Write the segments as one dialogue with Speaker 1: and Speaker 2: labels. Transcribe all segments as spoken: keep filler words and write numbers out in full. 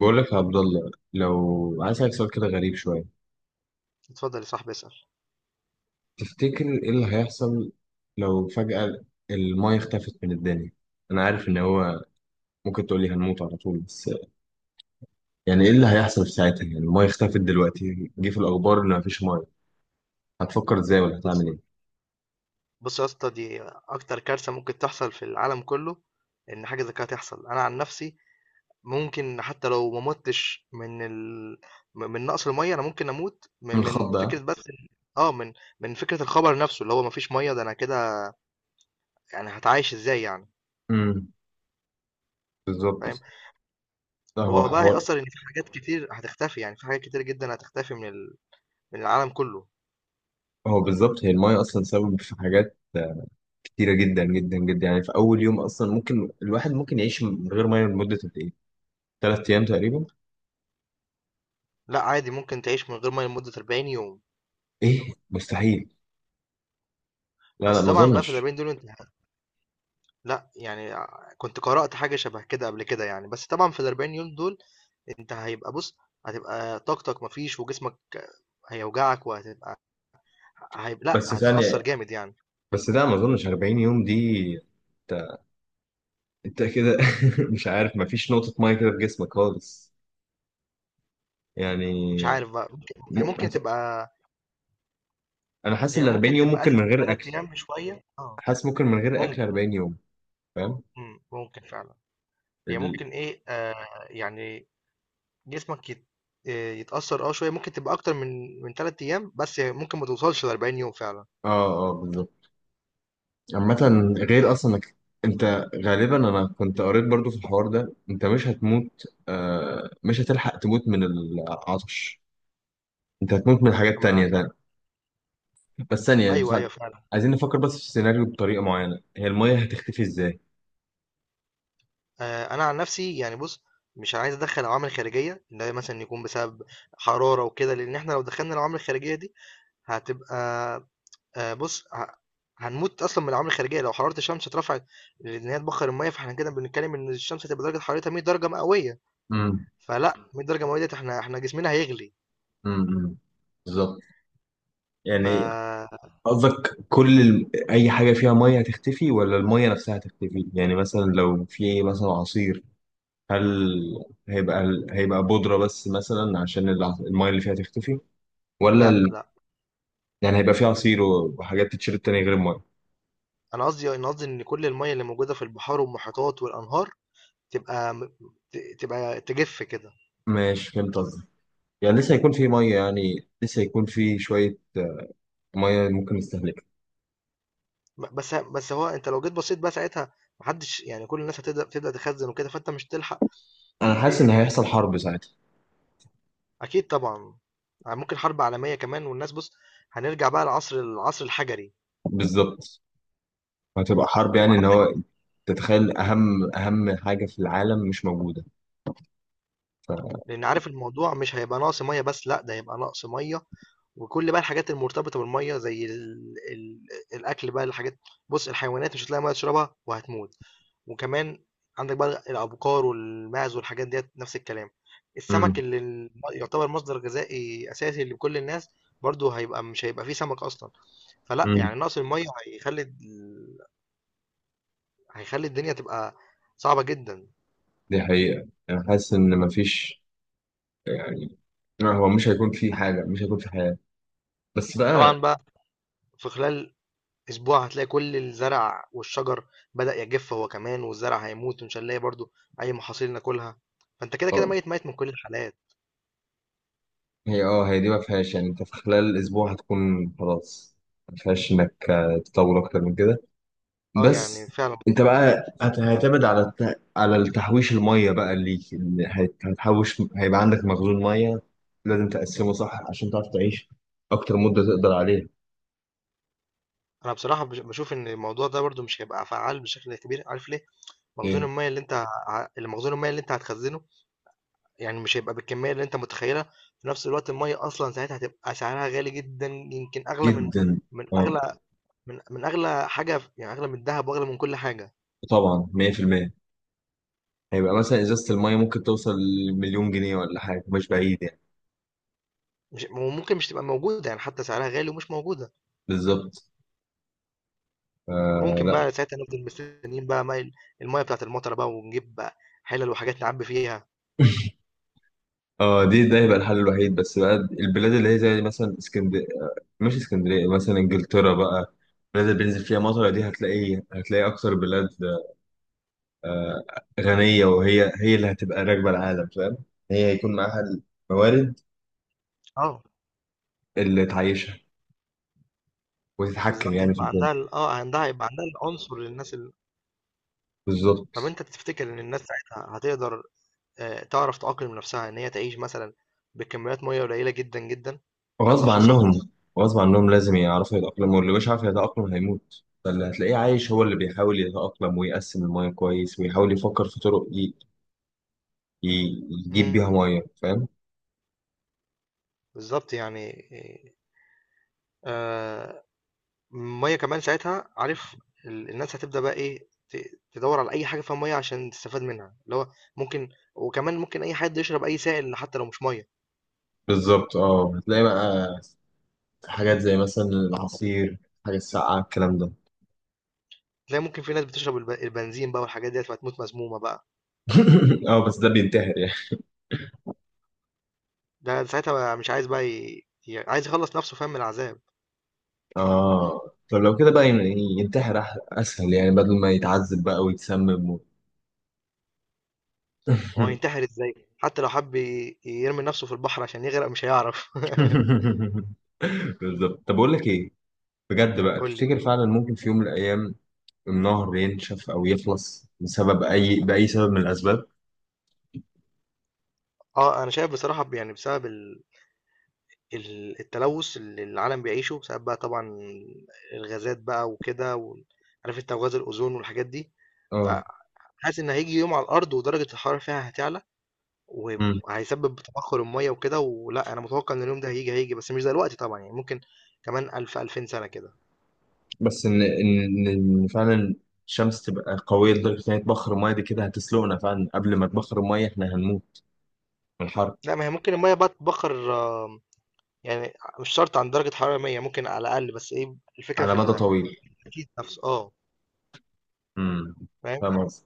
Speaker 1: بقول لك يا عبد الله لو عايز اسالك سؤال كده غريب شويه.
Speaker 2: اتفضل يا صاحبي اسأل.
Speaker 1: تفتكر ايه اللي هيحصل لو فجاه المايه اختفت من الدنيا؟ انا عارف ان هو ممكن تقول لي هنموت على طول، بس يعني ايه اللي هيحصل في ساعتها؟ يعني المايه اختفت دلوقتي، جه في الاخبار ان مفيش مايه، هتفكر ازاي ولا
Speaker 2: بص
Speaker 1: هتعمل ايه؟
Speaker 2: بص يا اسطى، دي اكتر كارثة ممكن تحصل في العالم كله. ان حاجة زي كده تحصل، انا عن نفسي ممكن حتى لو ما متش من ال... م- من نقص المية، انا ممكن اموت من,
Speaker 1: من
Speaker 2: من
Speaker 1: الخض
Speaker 2: فكرة
Speaker 1: ده.
Speaker 2: بس إن- اه من من فكرة الخبر نفسه اللي هو مفيش مية، ده انا كده. يعني هتعايش ازاي يعني؟
Speaker 1: امم بالظبط.
Speaker 2: فاهم.
Speaker 1: ده هو
Speaker 2: هو بقى
Speaker 1: حوار.
Speaker 2: هيأثر ان في حاجات كتير هتختفي، يعني في حاجات كتير جدا هتختفي من ال... من العالم كله.
Speaker 1: هو بالظبط، هي المايه اصلا سبب في حاجات كتيره جدا جدا جدا. يعني في اول يوم، اصلا ممكن الواحد ممكن يعيش من غير مايه لمده قد ايه؟ ثلاث ايام تقريبا.
Speaker 2: لا عادي، ممكن تعيش من غير مية لمدة أربعين يوم.
Speaker 1: ايه مستحيل. لا لا
Speaker 2: بس
Speaker 1: ما
Speaker 2: طبعا بقى في ال
Speaker 1: اظنش.
Speaker 2: الأربعين دول انت لأ، يعني ع كنت قرأت حاجة شبه كده قبل كده يعني، بس طبعًا في الأربعين يوم دول أنت هيبقى بُص، هتبقى طاقتك ما فيش، وجسمك هيوجعك وهتبقى، هيب لأ،
Speaker 1: بس
Speaker 2: هتتأثّر
Speaker 1: ثانية،
Speaker 2: جامد يعني.
Speaker 1: بس لا ما اظنش اربعين يوم دي. انت انت كده مش عارف، ما فيش نقطة مية كده في جسمك خالص يعني.
Speaker 2: مش عارف بقى، ممكن هي
Speaker 1: م...
Speaker 2: ممكن
Speaker 1: هت-
Speaker 2: تبقى
Speaker 1: انا حاسس
Speaker 2: هي
Speaker 1: ال اربعين
Speaker 2: ممكن
Speaker 1: يوم
Speaker 2: تبقى
Speaker 1: ممكن
Speaker 2: قلِّت
Speaker 1: من
Speaker 2: من
Speaker 1: غير
Speaker 2: ثلاث
Speaker 1: اكل.
Speaker 2: أيام بشوية، آه
Speaker 1: حاسس ممكن من غير اكل
Speaker 2: ممكن،
Speaker 1: اربعين يوم. فاهم.
Speaker 2: إمم، ممكن فعلًا. هي
Speaker 1: ال...
Speaker 2: ممكن إيه، آآ يعني جسمك يت آآ يتأثّر آه شوية، ممكن تبقى أكتر من من ثلاث أيام، بس ممكن ما توصلش لأربعين يوم فعلًا.
Speaker 1: اه اه بالظبط. عامة، غير اصلا انك انت غالبا انا كنت قريت برضو في الحوار ده، انت مش هتموت، آه... مش هتلحق تموت من العطش، انت هتموت من حاجات
Speaker 2: أما
Speaker 1: تانية.
Speaker 2: العكس-
Speaker 1: بس ثانية يعني
Speaker 2: أيوه،
Speaker 1: خ-
Speaker 2: أيوه فعلًا.
Speaker 1: عايزين نفكر بس في السيناريو بطريقة معينة. هي المية هتختفي ازاي؟
Speaker 2: آآ أنا عن نفسي يعني بُص، مش عايز أدخّل عوامل خارجية، اللي هي مثلًا يكون بسبب حرارة وكده، لإن إحنا لو دخّلنا العوامل الخارجية دي هتبقى، آآ بُص، ه هنموت أصلًا من العوامل الخارجية، لو حرارة الشمس اترفعت لإن هي تبخّر المَيّة، فإحنا كده بنتكلم إن الشمس هتبقى درجة حرارتها مية درجة مئوية.
Speaker 1: امم
Speaker 2: فلأ، مية درجة مئوية ديّة إحنا إحنا جسمنا هيغلي،
Speaker 1: امم بالظبط يعني.
Speaker 2: فلأ،
Speaker 1: قصدك كل ال... أي حاجة فيها مية هتختفي ولا المية نفسها هتختفي؟ يعني مثلا لو في مثلا عصير، هل هيبقى ال- هيبقى بودرة بس مثلا عشان الع- المية اللي فيها تختفي؟ ولا
Speaker 2: لأ،
Speaker 1: ال...
Speaker 2: لا،
Speaker 1: يعني هيبقى في عصير و- وحاجات تتشرب تانية غير المية؟
Speaker 2: أنا قصدي أنا قصدي إن كل المَيّة اللي موجودة في البحار والمحيطات والأنهار تبقى م ت تبقى تجِف كده.
Speaker 1: ماشي فهمت قصدك. يعني لسه هيكون في مية، يعني لسه هيكون في شوية مية ممكن نستهلكها.
Speaker 2: ب- بس بس هو انت لو جيت بصيت بقى ساعتها، محدش يعني، كل الناس هتبدا تبدا تخزن وكده، فانت مش تلحق.
Speaker 1: انا
Speaker 2: ت-
Speaker 1: حاسس ان هيحصل حرب ساعتها.
Speaker 2: اكيد طبعا، ممكن حرب عالميه كمان. والناس بص، هنرجع بقى لعصر العصر الحجري
Speaker 1: بالظبط، هتبقى حرب، يعني ان
Speaker 2: وعندك.
Speaker 1: هو تتخيل اهم اهم حاجه في العالم مش موجوده ف...
Speaker 2: لان عارف الموضوع مش هيبقى نقص ميه بس، لا ده هيبقى نقص ميه وكل بقى الحاجات المرتبطه بالميه زي ال... ال... الاكل بقى الحاجات. بص، الحيوانات مش هتلاقي ميه تشربها وهتموت. وكمان عندك بقى الابقار والماعز والحاجات ديت نفس الكلام. السمك
Speaker 1: مم.
Speaker 2: اللي ال- يعتبر مصدر غذائي اساسي لكل الناس، برضه هيبقى مش هيبقى فيه سمك اصلا. فلا،
Speaker 1: مم.
Speaker 2: يعني نقص الميه هيخلي ال- هيخلي الدنيا تبقى صعبة جدا.
Speaker 1: دي حقيقه، انا حاسس ان مفيش يعني، لا، هو مش هيكون في حاجه، مش هيكون في حياه بس
Speaker 2: طبعا
Speaker 1: بقى.
Speaker 2: بقى في خلال اسبوع هتلاقي كل الزرع والشجر بدأ يجف هو كمان، والزرع هيموت، ومش هنلاقي برضو اي محاصيل ناكلها، فانت كده كده
Speaker 1: آه،
Speaker 2: ميت ميت من كل الحالات.
Speaker 1: هي اه هي دي ما فيهاش، يعني انت في خلال اسبوع هتكون خلاص، ما فيهاش انك آه، تطول اكتر من كده
Speaker 2: اه يعني
Speaker 1: بس.
Speaker 2: فعلا
Speaker 1: انت
Speaker 2: بالظبط.
Speaker 1: بقى هت- هتعتمد على الت... على التحويش، الميه بقى ليك ان هت- هتحوش. هيبقى عندك مخزون ميه لازم تقسمه صح عشان تعرف تعيش اكتر مده تقدر عليها.
Speaker 2: انا بصراحه بش- بشوف ان الموضوع ده برضو مش هيبقى فعال بشكل كبير، عارف ليه؟ مخزون
Speaker 1: ايه؟
Speaker 2: الميه اللي انت ه- المخزون الميه اللي انت هتخزنه يعني مش هيبقى بالكميه اللي انت متخيلها. في نفس الوقت الميه اصلا ساعتها هتبقى سعرها غالي جدا، يمكن اغلى من
Speaker 1: جدا.
Speaker 2: من
Speaker 1: اه.
Speaker 2: اغلى من من اغلى حاجه، يعني اغلى من الذهب واغلى من كل حاجه.
Speaker 1: طبعا مية في المية. هيبقى مثلا ازازه الميه ممكن توصل لمليون جنيه ولا حاجه، مش بعيد يعني.
Speaker 2: مش وممكن مش تبقى موجوده، يعني حتى سعرها غالي ومش موجوده.
Speaker 1: بالظبط.
Speaker 2: ممكن
Speaker 1: آه
Speaker 2: بقى ساعتها نفضل مستنيين بقى ماي المَيّة بتاعة المطرة بقى، ونجيب بقى حِلَل وحاجات نعبّي فيها.
Speaker 1: اه، دي ده يبقى الحل الوحيد. بس بقى البلاد اللي هي زي مثلا اسكندريه، مش اسكندريه، مثلا انجلترا بقى، البلاد اللي بينزل فيها مطر دي، هتلاقي هتلاقي اكتر بلاد غنيه، وهي هي اللي هتبقى راكبه العالم فاهم. هي هيكون معاها الموارد
Speaker 2: آه،
Speaker 1: اللي تعيشها وتتحكم
Speaker 2: بالضبط
Speaker 1: يعني في
Speaker 2: هيبقى
Speaker 1: الدنيا.
Speaker 2: عندها ال آه، عندها هيبقى عندها العنصر للناس ال طَب
Speaker 1: بالظبط.
Speaker 2: أنت تفتكر إن الناس ساعتها هتقدر آآ تعرف تأقلم نَفْسها إن هي تعيش مثلًا بكميات مَيّة قليلة جدًا، جدًا، لو ده
Speaker 1: غصب
Speaker 2: حصل؟
Speaker 1: عنهم. غصب عنهم لازم يعرفوا يتأقلموا، واللي مش عارف يتأقلم هيموت. فاللي هتلاقيه عايش هو اللي بيحاول يتأقلم ويقسم المياه كويس ويحاول يفكر في طرق ي... ي... يجيب
Speaker 2: إمم،
Speaker 1: بيها مياه فاهم.
Speaker 2: بالضبط يعني. آآ المية كمان ساعتها، عارف، ال- الناس هتبدأ بقى ايه، ت- تدور على اي حاجة فيها مية عشان تستفاد منها، اللي هو ممكن. وكمان ممكن اي حد يشرب اي سائل حتى لو مش مية.
Speaker 1: بالظبط اه، هتلاقي بقى حاجات زي مثلا العصير، حاجة الساقعة، الكلام ده.
Speaker 2: تلاقي ممكن في ناس بتشرب الب- البنزين بقى والحاجات ديت، فتموت مسمومة بقى.
Speaker 1: اه بس ده بينتحر يعني.
Speaker 2: ده ساعتها بقى مش عايز بقى، ي... ي- عايز يخلص نفسه، فاهم، من العذاب.
Speaker 1: اه طب لو كده بقى ين- ينتحر، أح- اسهل يعني، بدل ما يتعذب بقى ويتسمم و...
Speaker 2: هو هينتحر ازاي، حتى لو حب ي- يرمي نفسه في البحر عشان يغرق مش هيعرف.
Speaker 1: بالظبط. طب اقول لك ايه، بجد بقى،
Speaker 2: قول لي.
Speaker 1: تفتكر فعلا ممكن في يوم من الايام النهر ينشف او يخلص بسبب اي باي سبب من الاسباب؟
Speaker 2: اه انا شايف بصراحة، يعني بسبب ال... ال التلوث اللي العالم بيعيشه، بسبب بقى طبعًا الغازات بقى وكده، وال عارف أنت، وغاز الأوزون والحاجات دي.
Speaker 1: اه.
Speaker 2: فحاسس إن هييجي يوم على الأرض ودرجة الحرارة فيها هتعلى، وهيب وهيسبب تبخر المَيّة وكده. ولأ، أنا متوقع إن اليوم ده هييجي، هييجي بس مش دلوقتي طبعًا، يعني ممكن كمان ألف، ألفين سنة كده.
Speaker 1: بس ان ان إن فعلا الشمس تبقى قويه لدرجه ان هي تبخر الميه دي، كده هتسلقنا فعلا. قبل ما تبخر الميه احنا هنموت من الحر.
Speaker 2: لأ، ما هي ممكن المَيّة بقى تتبخر آه، يعني مش شرط عند درجة حرارة مية، ممكن على الأقل، بس إيه الفكرة
Speaker 1: على
Speaker 2: في
Speaker 1: مدى طويل.
Speaker 2: التكييف نفسه، آه.
Speaker 1: امم
Speaker 2: فاهم؟
Speaker 1: فاهم قصدي.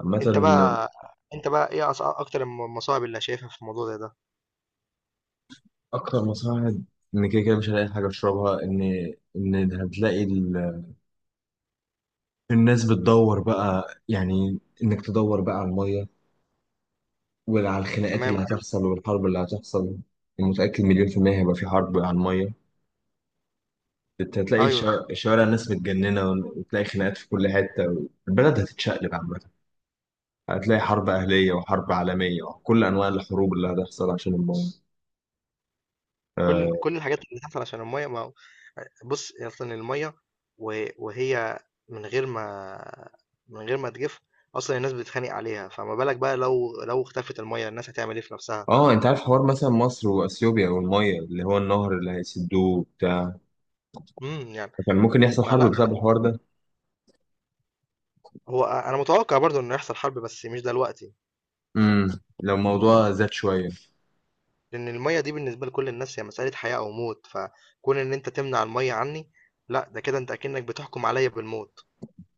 Speaker 1: عامة.
Speaker 2: أنت بقى أنت بقى إيه أص أكتر الم المصاعب اللي شايفها في الموضوع زي ده؟
Speaker 1: أكتر مساعد، إن كده كده مش هلاقي حاجة أشربها، إن إن هتلاقي ال... الناس بتدور بقى، يعني إنك تدور بقى على المية وعلى الخناقات
Speaker 2: تمام
Speaker 1: اللي
Speaker 2: ايوه.
Speaker 1: هتحصل والحرب اللي هتحصل. متأكد مليون في المية هيبقى في حرب على المية. انت هتلاقي
Speaker 2: ايوه،
Speaker 1: الشوارع الشوارع الناس متجننة وتلاقي خناقات في كل حتة، البلد هتتشقلب عامة. هتلاقي حرب أهلية وحرب عالمية وكل أنواع الحروب اللي هتحصل عشان المية.
Speaker 2: كل
Speaker 1: اه.
Speaker 2: كل الحاجات اللي بتحصل عشان الميه، ما هو- بص اصلا الميه و- وهي من غير ما من غير ما تجف اصلا الناس بتتخانق عليها، فما بالك بقى لو لو اختفت الميه، الناس هتعمل ايه في نفسها.
Speaker 1: آه، انت عارف حوار مثلا مصر واثيوبيا والمية، اللي هو النهر اللي هيسدوه بتاع،
Speaker 2: امم يعني
Speaker 1: كان ممكن يحصل حرب بسبب
Speaker 2: فلا،
Speaker 1: الحوار ده.
Speaker 2: هو انا متوقع برضو انه يحصل حرب، بس مش دلوقتي.
Speaker 1: امم لو الموضوع زاد شوية.
Speaker 2: لان الميه دي بالنسبه لكل الناس هي مساله حياه او موت، فكون ان انت تمنع الميه عني، لا ده كده انت اكنك بتحكم عليا بالموت.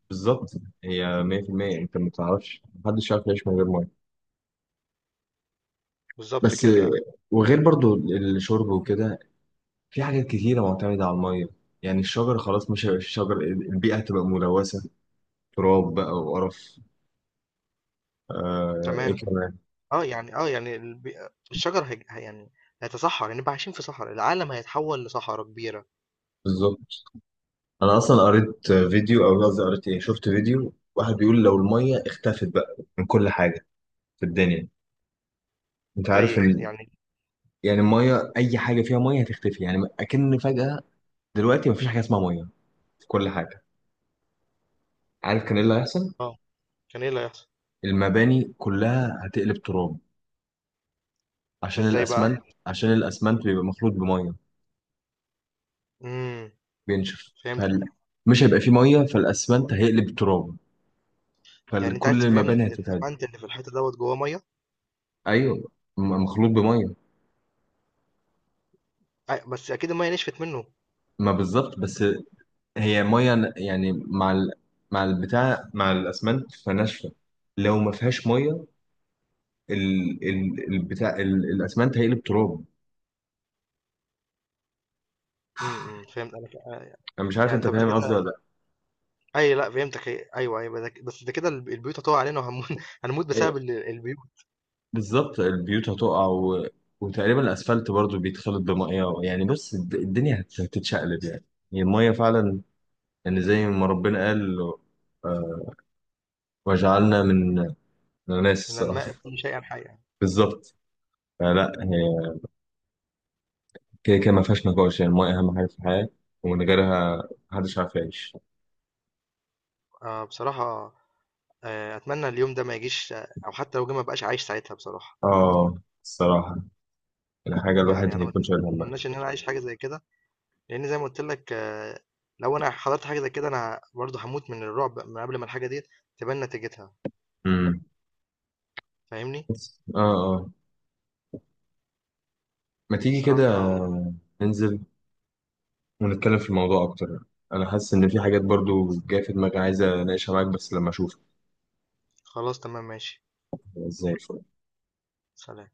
Speaker 1: بالظبط. هي مية في المية، انت ما تعرفش، محدش يعرف يعيش من غير مية
Speaker 2: بالظبط
Speaker 1: بس. آه،
Speaker 2: كده.
Speaker 1: وغير برضو الشرب وكده، في حاجات كتيرة معتمدة على المية. يعني الشجر خلاص مش هيبقى فيه شجر، البيئة هتبقى ملوثة تراب بقى وقرف. آه
Speaker 2: تمام.
Speaker 1: ايه كمان.
Speaker 2: آه، يعني آه، يعني الب الشجر هيج ه يعني هيتصحّر، هنبقى عايشين في صحرا، العالم هيتحوّل لصحرا كبيرة.
Speaker 1: بالظبط. انا اصلا قريت فيديو، او قصدي قريت ايه، شفت فيديو واحد بيقول لو المية اختفت بقى من كل حاجة في الدنيا، انت
Speaker 2: زي
Speaker 1: عارف ان
Speaker 2: يعني.
Speaker 1: يعني المية، اي حاجة فيها مية هتختفي، يعني اكن فجأة دلوقتي مفيش حاجة اسمها مية في كل حاجة، عارف كان ايه اللي هيحصل؟
Speaker 2: آه، كان إيه اللي هيحصل؟
Speaker 1: المباني كلها هتقلب تراب،
Speaker 2: ده
Speaker 1: عشان
Speaker 2: إزاي بقى؟
Speaker 1: الاسمنت، عشان الاسمنت بيبقى مخلوط بمية،
Speaker 2: إمم،
Speaker 1: بينشف فال...
Speaker 2: فهمتك.
Speaker 1: مش هيبقى فيه ميه فالاسمنت هيقلب تراب،
Speaker 2: يعني أنت عايز
Speaker 1: فكل
Speaker 2: تفهمني
Speaker 1: المباني
Speaker 2: إن
Speaker 1: هتتهد.
Speaker 2: الأسفنت اللي في الحيطة دوّة جوّاه مَيّة؟
Speaker 1: ايوه، م- مخلوط بميه.
Speaker 2: أ بس أكيد المَيّة نشفت منّه.
Speaker 1: ما بالظبط بس. هي ميه ن- يعني مع ال... مع البتاع، مع الاسمنت فناشفه. لو ما فيهاش ميه ال... ال... البتاع ال... الاسمنت هيقلب تراب.
Speaker 2: إمم، إمم، فهمت أنا ك آآ،
Speaker 1: انا مش عارف
Speaker 2: يعني
Speaker 1: انت
Speaker 2: طَب ده
Speaker 1: فاهم قصدي ولا
Speaker 2: كده،
Speaker 1: لا.
Speaker 2: أيوه لأ فهمتك، هي أيوه، أيوه، ده ك بس ده كده الب البيوت هتُقع علينا وهنمو هنموت بسبب
Speaker 1: ايوه
Speaker 2: ال البيوت.
Speaker 1: بالظبط. البيوت هتقع و... وتقريبا الاسفلت برضو بيتخلط بميه يعني، بص الد- الدنيا هت- هتتشقلب يعني. هي الميه فعلا، يعني زي ما ربنا قال، آه، وجعلنا من، انا ناسي
Speaker 2: إن الماء
Speaker 1: الصراحه.
Speaker 2: كل شيء الحي يعني.
Speaker 1: بالظبط. فلا هي كده كده ما فيهاش نقاش، يعني الماء اهم حاجه في الحياه، ومن غيرها محدش عارف يعيش.
Speaker 2: آه، بصراحة آآ، أتمنى اليوم ده ما يجيش، آه، أو حتى لو جه ما ابقاش عايش ساعتها بصراحة.
Speaker 1: اه الصراحه، الحاجه
Speaker 2: يعني
Speaker 1: الواحد
Speaker 2: انا ما
Speaker 1: هيكون شايل همها.
Speaker 2: اتمناش ان انا اعيش حاجه زي كده، لان زي ما قلت لك آه، لو انا حضرت حاجه زي كده انا برضه هموت من الرعب من قبل ما الحاجه دي تبان نتيجتها.
Speaker 1: امم
Speaker 2: فاهمني؟
Speaker 1: بس اه اه ما تيجي كده
Speaker 2: صراحه.
Speaker 1: ننزل ونتكلم في الموضوع اكتر، انا حاسس ان في حاجات برضو جايه في دماغي عايز اناقشها معاك بس لما اشوفك.
Speaker 2: خلاص تمام ماشي.
Speaker 1: زي الفل.
Speaker 2: سلام.